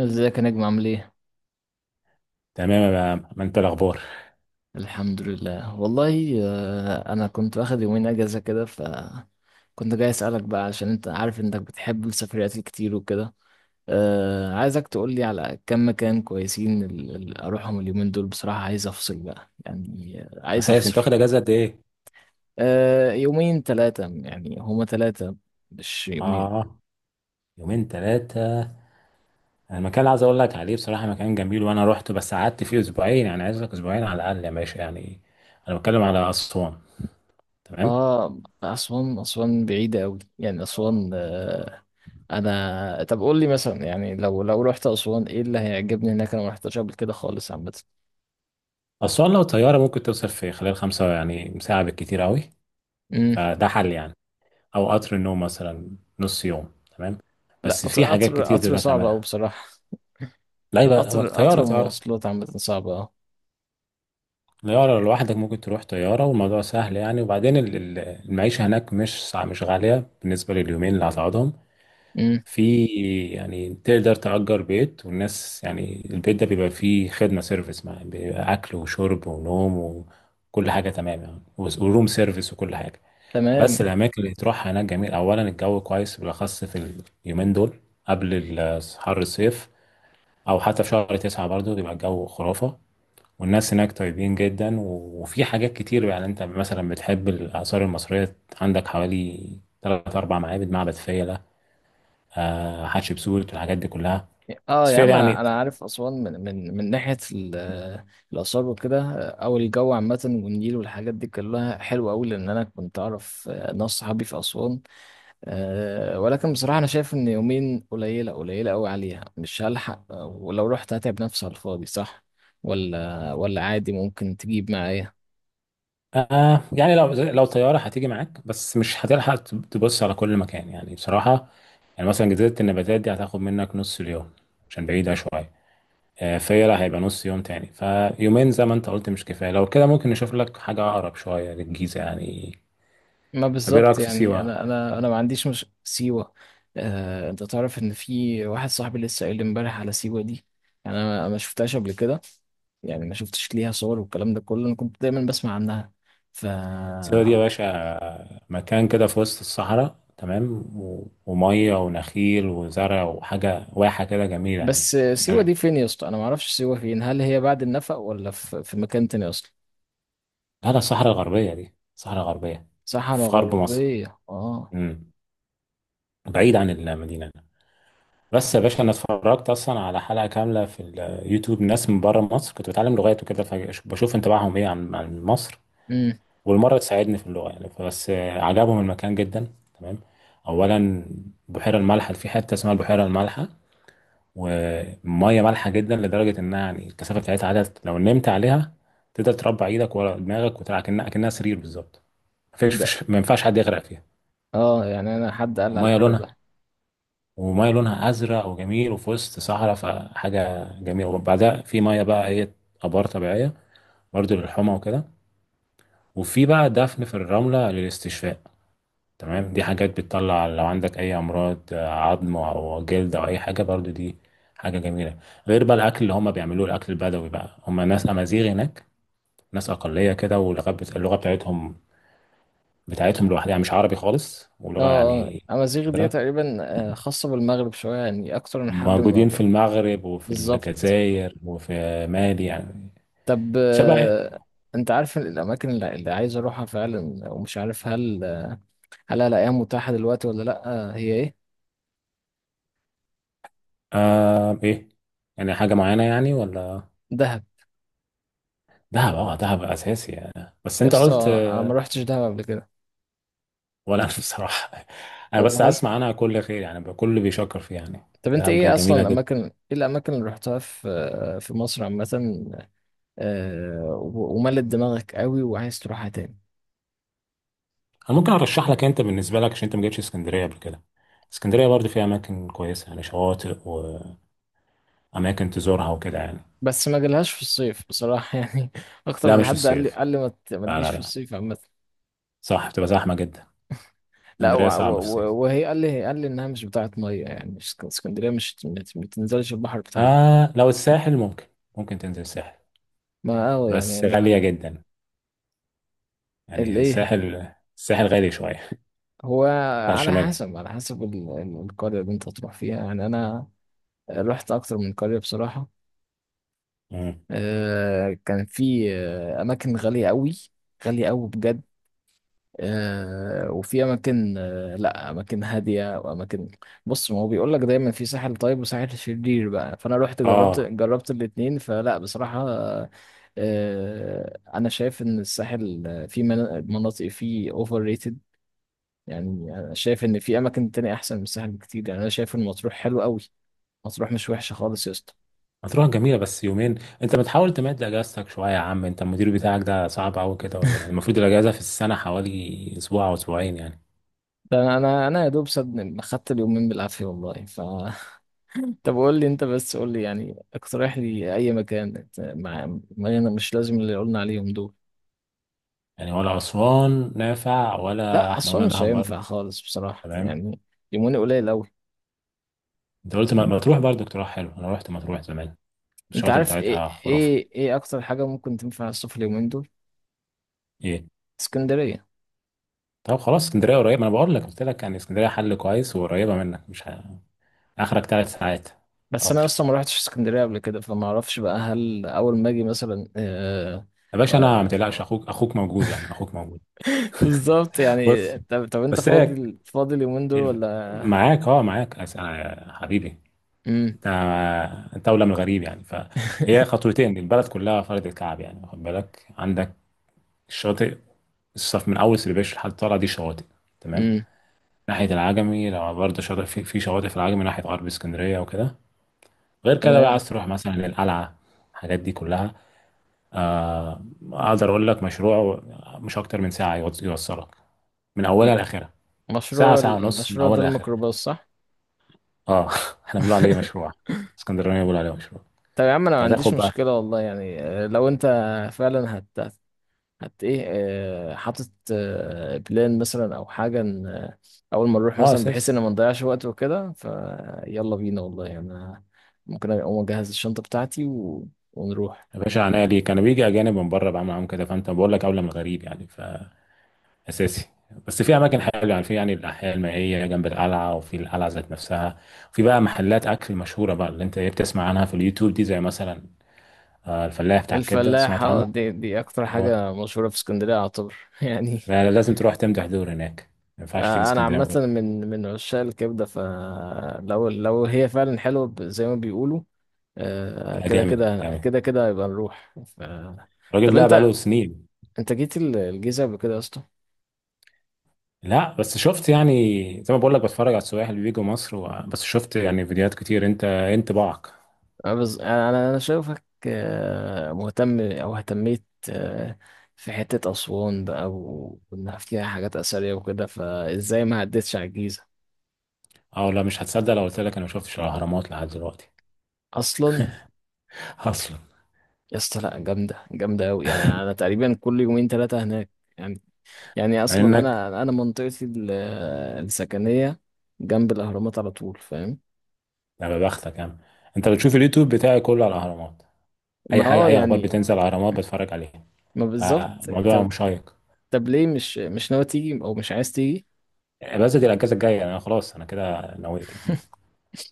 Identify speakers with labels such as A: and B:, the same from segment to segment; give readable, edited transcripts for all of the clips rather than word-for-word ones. A: ازيك يا نجم، عامل ايه؟
B: تمام يا عم، ما انت الاخبار.
A: الحمد لله والله. انا كنت واخد يومين اجازة كده. كنت جاي اسألك بقى، عشان انت عارف انك بتحب السفريات الكتير وكده. عايزك تقولي على كم مكان كويسين اروحهم اليومين دول. بصراحة عايز افصل بقى، يعني عايز
B: اساس
A: افصل.
B: انت واخد اجازه قد ايه؟
A: يومين ثلاثة، يعني هما ثلاثة مش يومين.
B: اه يومين ثلاثه. انا المكان اللي عايز اقول لك عليه بصراحه مكان جميل، وانا رحت بس قعدت فيه اسبوعين، يعني عايز لك اسبوعين على الاقل يا باشا يعني. انا بتكلم على اسوان. تمام.
A: اه، اسوان. اسوان بعيده قوي يعني. اسوان انا. طب قول لي مثلا، يعني لو رحت اسوان ايه اللي هيعجبني هناك؟ انا ما رحتش قبل كده خالص عامه.
B: اسوان لو طياره ممكن توصل في خلال خمسه، يعني ساعه بالكتير قوي،
A: امم.
B: فده حل يعني. او قطر النوم مثلا، نص يوم. تمام.
A: لا،
B: بس
A: قطر
B: في حاجات
A: قطر
B: كتير
A: قطر
B: تقدر
A: صعب قوي
B: تعملها.
A: بصراحه.
B: لا، يبقى
A: قطر قطر
B: طياره.
A: ومواصلات عامه صعبه، اه.
B: طيارة لو لوحدك ممكن تروح طيارة والموضوع سهل يعني. وبعدين المعيشة هناك مش مش غالية بالنسبة لليومين اللي هتقعدهم.
A: امم.
B: في، يعني تقدر تأجر بيت، والناس يعني البيت ده بيبقى فيه خدمة سيرفيس، مع بيبقى أكل وشرب ونوم وكل حاجة تمام يعني. وروم سيرفيس وكل حاجة.
A: تمام.
B: بس الأماكن اللي تروحها هناك جميل. أولا الجو كويس بالأخص في اليومين دول قبل حر الصيف، أو حتى في شهر 9 برضه بيبقى الجو خرافة. والناس هناك طيبين جدا وفي حاجات كتير يعني. انت مثلا بتحب الآثار المصرية، عندك حوالي 3 أو 4 معابد، معبد فيلة، آه حتشبسوت والحاجات دي كلها.
A: اه
B: بس
A: يا
B: فيلة
A: عم،
B: يعني.
A: انا عارف اسوان من ناحيه الاثار وكده، او الجو عامه والنيل والحاجات دي كلها حلوه قوي، لان انا كنت اعرف ناس صحابي في اسوان. أه، ولكن بصراحة أنا شايف إن يومين قليلة، قليلة أوي عليها، مش هلحق. ولو رحت هتعب نفسي على الفاضي، صح؟ ولا عادي ممكن تجيب معايا؟
B: يعني لو طيارة هتيجي معاك، بس مش هتلحق تبص على كل مكان يعني بصراحة. يعني مثلا جزيرة النباتات دي هتاخد منك نص اليوم عشان بعيدة شوية. فيلة هيبقى نص يوم تاني. فيومين زي ما انت قلت مش كفاية. لو كده ممكن نشوف لك حاجة أقرب شوية للجيزة يعني.
A: ما
B: طب ايه
A: بالظبط
B: رأيك في
A: يعني،
B: سيوة؟
A: أنا ما عنديش، مش سيوة. أه، أنت تعرف إن في واحد صاحبي لسه قايل لي إمبارح على سيوة دي. يعني أنا ما شفتهاش قبل كده. يعني ما شفتش ليها صور والكلام ده كله، أنا كنت دايما بسمع عنها. ف
B: سيوة دي يا باشا مكان كده في وسط الصحراء، تمام، ومية ونخيل وزرع وحاجة، واحة كده جميلة يعني.
A: بس سيوة دي
B: أنا-
A: فين يا اسطى؟ أنا ما أعرفش سيوة فين، هل هي بعد النفق ولا في مكان تاني أصلا؟
B: هذا الصحراء الغربية. دي الصحراء الغربية
A: صحراء
B: في غرب مصر.
A: غربية، اه.
B: امم بعيد عن المدينة. بس يا باشا أنا اتفرجت أصلا على حلقة كاملة في اليوتيوب، ناس من بره مصر كنت بتعلم لغات وكده، فبشوف انطباعهم إيه عن مصر،
A: امم.
B: والمرة تساعدني في اللغة يعني. فبس عجبهم المكان جدا. تمام. أولا بحيرة الملح في حتة اسمها البحيرة الملح، وميه مالحه جدا لدرجه انها، يعني الكثافه بتاعتها عادة، لو نمت عليها تقدر تربع ايدك ورا دماغك وتلعب كأنها سرير بالظبط. مفيش
A: ده،
B: فيش- ما ينفعش حد يغرق فيها.
A: اه، يعني انا حد قال على
B: وميه
A: الحوار
B: لونها
A: ده.
B: وميه لونها ازرق وجميل وفي وسط صحراء، فحاجه جميله. وبعدها في ميه بقى ايه، ابار طبيعيه برضه للحمى وكده. وفي بقى دفن في الرمله للاستشفاء، تمام. دي حاجات بتطلع لو عندك اي امراض، عظم او جلد او اي حاجه برضو. دي حاجه جميله. غير بقى الاكل اللي هم بيعملوه، الاكل البدوي بقى، هم ناس امازيغ هناك، ناس اقليه كده. واللغه اللغه بتاعتهم لوحدها يعني، مش عربي خالص،
A: اه،
B: ولغه
A: اه،
B: يعني
A: امازيغ دي
B: نادرة.
A: تقريبا، خاصة بالمغرب شوية، يعني اكتر من حد من
B: موجودين في
A: المغرب.
B: المغرب وفي
A: بالظبط.
B: الجزائر وفي مالي يعني.
A: طب،
B: شبه.
A: انت عارف الاماكن اللي عايز اروحها فعلا، ومش عارف هل هل هلاقيها متاحة دلوقتي ولا لا؟ هي ايه؟
B: آه، ايه يعني، حاجه معينه يعني ولا؟
A: دهب.
B: دهب. اه، دهب اساسي يعني. بس
A: يا
B: انت
A: اسطى
B: قلت.
A: انا ما روحتش دهب قبل كده.
B: ولا انا بصراحه، انا بس
A: والله.
B: اسمع عنها كل خير يعني، بقى كل بيشكر فيها يعني.
A: طب انت
B: دهب
A: ايه اصلا
B: جميله جدا.
A: الاماكن، ايه الاماكن اللي رحتها في في مصر عامة؟ وملت دماغك قوي وعايز تروحها تاني؟
B: انا ممكن ارشح لك، انت بالنسبه لك عشان انت ما جيتش اسكندريه قبل كده، اسكندريه برضه فيها اماكن كويسه، يعني شواطئ واماكن تزورها وكده يعني.
A: بس ما جالهاش في الصيف بصراحة يعني. أكتر
B: لا،
A: من
B: مش في
A: حد قال لي
B: الصيف.
A: قال لي ما
B: لا
A: تجيش
B: لا
A: في
B: لا.
A: الصيف عامة.
B: صح، بتبقى زحمه جدا،
A: لا،
B: اسكندريه صعبه في الصيف.
A: وهي قال لي إنها مش بتاعة مية يعني، مش اسكندرية، مش ما تنزلش البحر بتاعها.
B: آه، لو الساحل ممكن. ممكن تنزل الساحل،
A: ما أوي يعني
B: بس غاليه
A: أنا.
B: جدا. يعني
A: الإيه؟
B: الساحل، الساحل غالي شويه.
A: هو.
B: بتاع
A: على
B: الشمالي.
A: حسب، على حسب القرية اللي أنت هتروح فيها يعني. أنا رحت أكتر من قرية بصراحة.
B: مم.
A: كان في أماكن غالية قوي. غالية قوي بجد. وفي اماكن، لا، اماكن هاديه واماكن. بص، ما هو بيقول لك دايما في ساحل طيب وساحل شرير بقى. فانا رحت، جربت
B: اه،
A: جربت الاتنين. فلا بصراحه، انا شايف ان الساحل في مناطق فيه اوفر ريتد، يعني انا شايف ان في اماكن تانية احسن من الساحل بكتير. يعني انا شايف ان مطروح حلو قوي. مطروح مش وحشه خالص يا اسطى.
B: هتروح جميلة بس يومين، انت بتحاول تمد اجازتك شوية يا عم. انت المدير بتاعك ده صعب قوي كده ولا ايه يعني؟ المفروض الاجازة في السنة حوالي اسبوع او اسبوعين يعني.
A: ده انا، أنا يا دوب صدق خدت اليومين بالعافيه والله. ف طب قول لي انت، بس قول لي يعني، اقترح لي اي مكان مع. ما انا مش لازم اللي قلنا عليهم دول.
B: يعني ولا اسوان نافع، ولا
A: لا
B: احنا
A: اصلا
B: قلنا
A: مش
B: دهب برضه.
A: هينفع خالص بصراحة
B: تمام.
A: يعني. يومين قليل قوي.
B: انت قلت ما تروح برضه اقتراح حلو. انا رحت، ما تروح زمان،
A: انت
B: الشواطئ
A: عارف ايه،
B: بتاعتها خرافة.
A: ايه اكتر حاجة ممكن تنفع الصيف اليومين دول؟
B: ايه؟
A: اسكندرية.
B: طب خلاص اسكندرية قريبة. ما انا بقول لك، قلت لك يعني اسكندرية حل كويس وقريبة منك، مش اخرك 3 ساعات.
A: بس انا
B: قطر.
A: اصلا ما رحتش اسكندرية قبل كده، فما اعرفش بقى هل اول ما اجي مثلا
B: يا باشا انا، ما تقلقش،
A: آه،
B: اخوك موجود يعني، اخوك موجود.
A: بالظبط يعني.
B: بص،
A: طب، انت
B: بس هي،
A: فاضي اليومين دول
B: إيه،
A: ولا؟
B: معاك، اه، معاك حبيبي.
A: امم.
B: انت انت اولى من الغريب يعني. فهي خطوتين البلد كلها فرد الكعب يعني. واخد بالك، عندك الشاطئ، الصف من اول سربيش لحد طالع، دي شواطئ. تمام.
A: امم.
B: ناحيه العجمي لو برضه شاطئ، في شواطئ في العجمي ناحيه غرب اسكندريه وكده. غير كده بقى،
A: تمام.
B: عايز تروح مثلا للقلعه، الحاجات دي كلها. آه. اقدر اقول لك مشروع، مش اكتر من ساعه يوصلك من اولها لاخرها. ساعه
A: مشروع،
B: ساعه ونص من
A: ده
B: اولها لاخرها.
A: الميكروباص، صح؟
B: اه، احنا بنقول عليه مشروع. اسكندرانيه بيقول عليه مشروع.
A: طب يا عم انا
B: انت
A: ما عنديش
B: هتاخد بقى.
A: مشكله والله يعني. لو انت فعلا هت ايه، حاطط بلان مثلا او حاجه، إن اول ما نروح
B: اه،
A: مثلا، بحيث
B: اساسي.
A: ان ما نضيعش وقت وكده، فيلا بينا والله يعني. أنا ممكن اقوم اجهز الشنطه بتاعتي ونروح.
B: يا باشا عينيا ليه، كان بيجي اجانب من بره بعمل معاهم كده، فانت بقول لك اولى من الغريب يعني. فاساسي. بس في اماكن حلوه يعني، في يعني الاحياء المائيه جنب القلعه، وفي القلعه ذات نفسها. في بقى محلات اكل مشهوره بقى، اللي انت إيه بتسمع عنها في اليوتيوب دي، زي مثلا الفلاح بتاع الكبده، سمعت عنه؟
A: الفلاحه دي، اكتر
B: ايوه.
A: حاجه مشهوره في اسكندريه، اعتبر يعني.
B: لا لا، لازم تروح تمدح دور هناك، ما ينفعش تيجي
A: انا
B: اسكندريه من
A: عامه
B: غير-.
A: من عشاق الكبده، فلو هي فعلا حلوه، زي ما بيقولوا،
B: لا،
A: كده
B: جامد
A: كده
B: جامد.
A: كده كده يبقى نروح.
B: الراجل
A: طب
B: ده بقاله
A: انت،
B: سنين.
A: انت جيت الجيزة قبل كده يا اسطى؟
B: لا، بس شفت يعني، زي ما بقول لك، بتفرج على السياح اللي بيجوا مصر و... بس شفت يعني فيديوهات كتير. انت بعك.
A: انا أنا شايفك مهتم او اهتميت، آه، في حتة اسوان بقى وانها فيها حاجات اثرية وكده، فازاي ما عدتش على الجيزة
B: او لا، مش هتصدق لو قلت لك انا ما شفتش الاهرامات لحد دلوقتي.
A: اصلا؟
B: اصلا.
A: يا اسطى لا، جامدة جامدة اوي. انا تقريبا كل يومين ثلاثة هناك يعني. يعني
B: مع
A: اصلا
B: انك.
A: انا، منطقتي السكنية جنب الاهرامات على طول، فاهم؟
B: يا بختك يا عم. انت بتشوف اليوتيوب بتاعي كله على الاهرامات، اي
A: ما
B: حاجه،
A: اه
B: اي اخبار
A: يعني،
B: بتنزل على الاهرامات بتفرج عليها.
A: ما بالظبط.
B: فالموضوع مشيق.
A: طب ليه مش، ناوي تيجي او مش عايز تيجي؟
B: بس دي الاجازه الجايه انا خلاص، انا كده نويت يعني.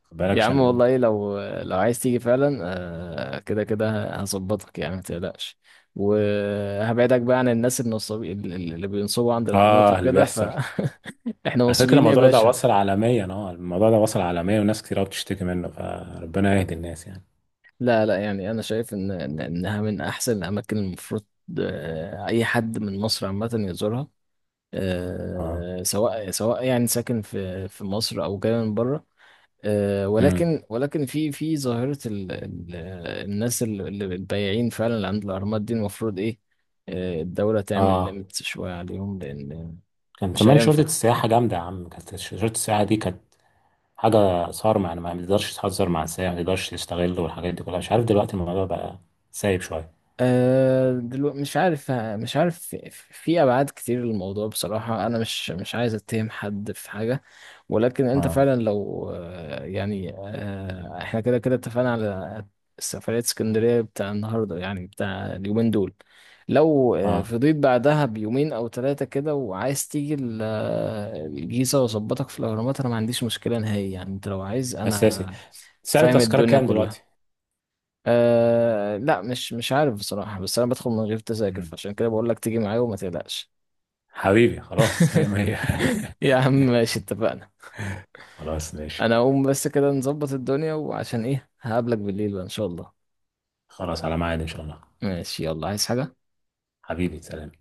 B: خد بالك
A: يا عم
B: عشان.
A: والله لو عايز تيجي فعلا، كده كده هظبطك يعني، ما تقلقش. وهبعدك بقى عن الناس النصابين اللي بينصبوا عند الاهرامات
B: اه، اللي
A: وكده،
B: بيحصل.
A: فاحنا
B: على فكره
A: مصريين يا
B: الموضوع ده
A: باشا.
B: وصل عالميا، اه الموضوع ده وصل عالميا وناس كتير قوي بتشتكي منه، فربنا يهدي الناس يعني.
A: لا لا، يعني انا شايف ان انها من احسن الاماكن. المفروض اي حد من مصر عامه يزورها،
B: اه.
A: سواء سواء يعني ساكن في مصر او جاي من بره.
B: امم.
A: ولكن في ظاهرة ال الناس البياعين فعلا اللي عند الأهرامات دي. المفروض إيه، الدولة تعمل
B: اه.
A: ليميت شوية عليهم، لأن
B: كان
A: مش
B: زمان شرطة
A: هينفع.
B: السياحة جامدة يا عم، كانت شرطة السياحة دي كانت حاجة صارمة يعني. ما بيقدرش يتهزر مع السياح، ما بيقدرش يستغل والحاجات دي كلها. مش عارف دلوقتي الموضوع بقى سايب شوية.
A: أه دلوقتي مش عارف، في ابعاد كتير للموضوع بصراحه. انا مش عايز اتهم حد في حاجه، ولكن انت
B: اه
A: فعلا لو يعني احنا كده كده اتفقنا على سفريه اسكندريه بتاع النهارده يعني، بتاع اليومين دول. لو
B: اه،
A: فضيت بعدها بيومين او ثلاثه كده وعايز تيجي الجيزه واظبطك في الاهرامات، انا ما عنديش مشكله نهائي يعني. انت لو عايز
B: أساسي.
A: انا
B: سعر
A: فاهم
B: التذكرة
A: الدنيا
B: كام دلوقتي؟
A: كلها. أه لا، مش عارف بصراحة. بس أنا بدخل من غير تذاكر،
B: مم.
A: فعشان كده بقول لك تيجي معايا وما تقلقش.
B: حبيبي خلاص، مية مية.
A: يا عم ماشي، اتفقنا.
B: خلاص ماشي.
A: أنا أقوم بس كده نظبط الدنيا، وعشان إيه هقابلك بالليل بقى إن شاء الله.
B: خلاص على ميعاد إن شاء الله.
A: ماشي، يلا، عايز حاجة؟
B: حبيبي سلام.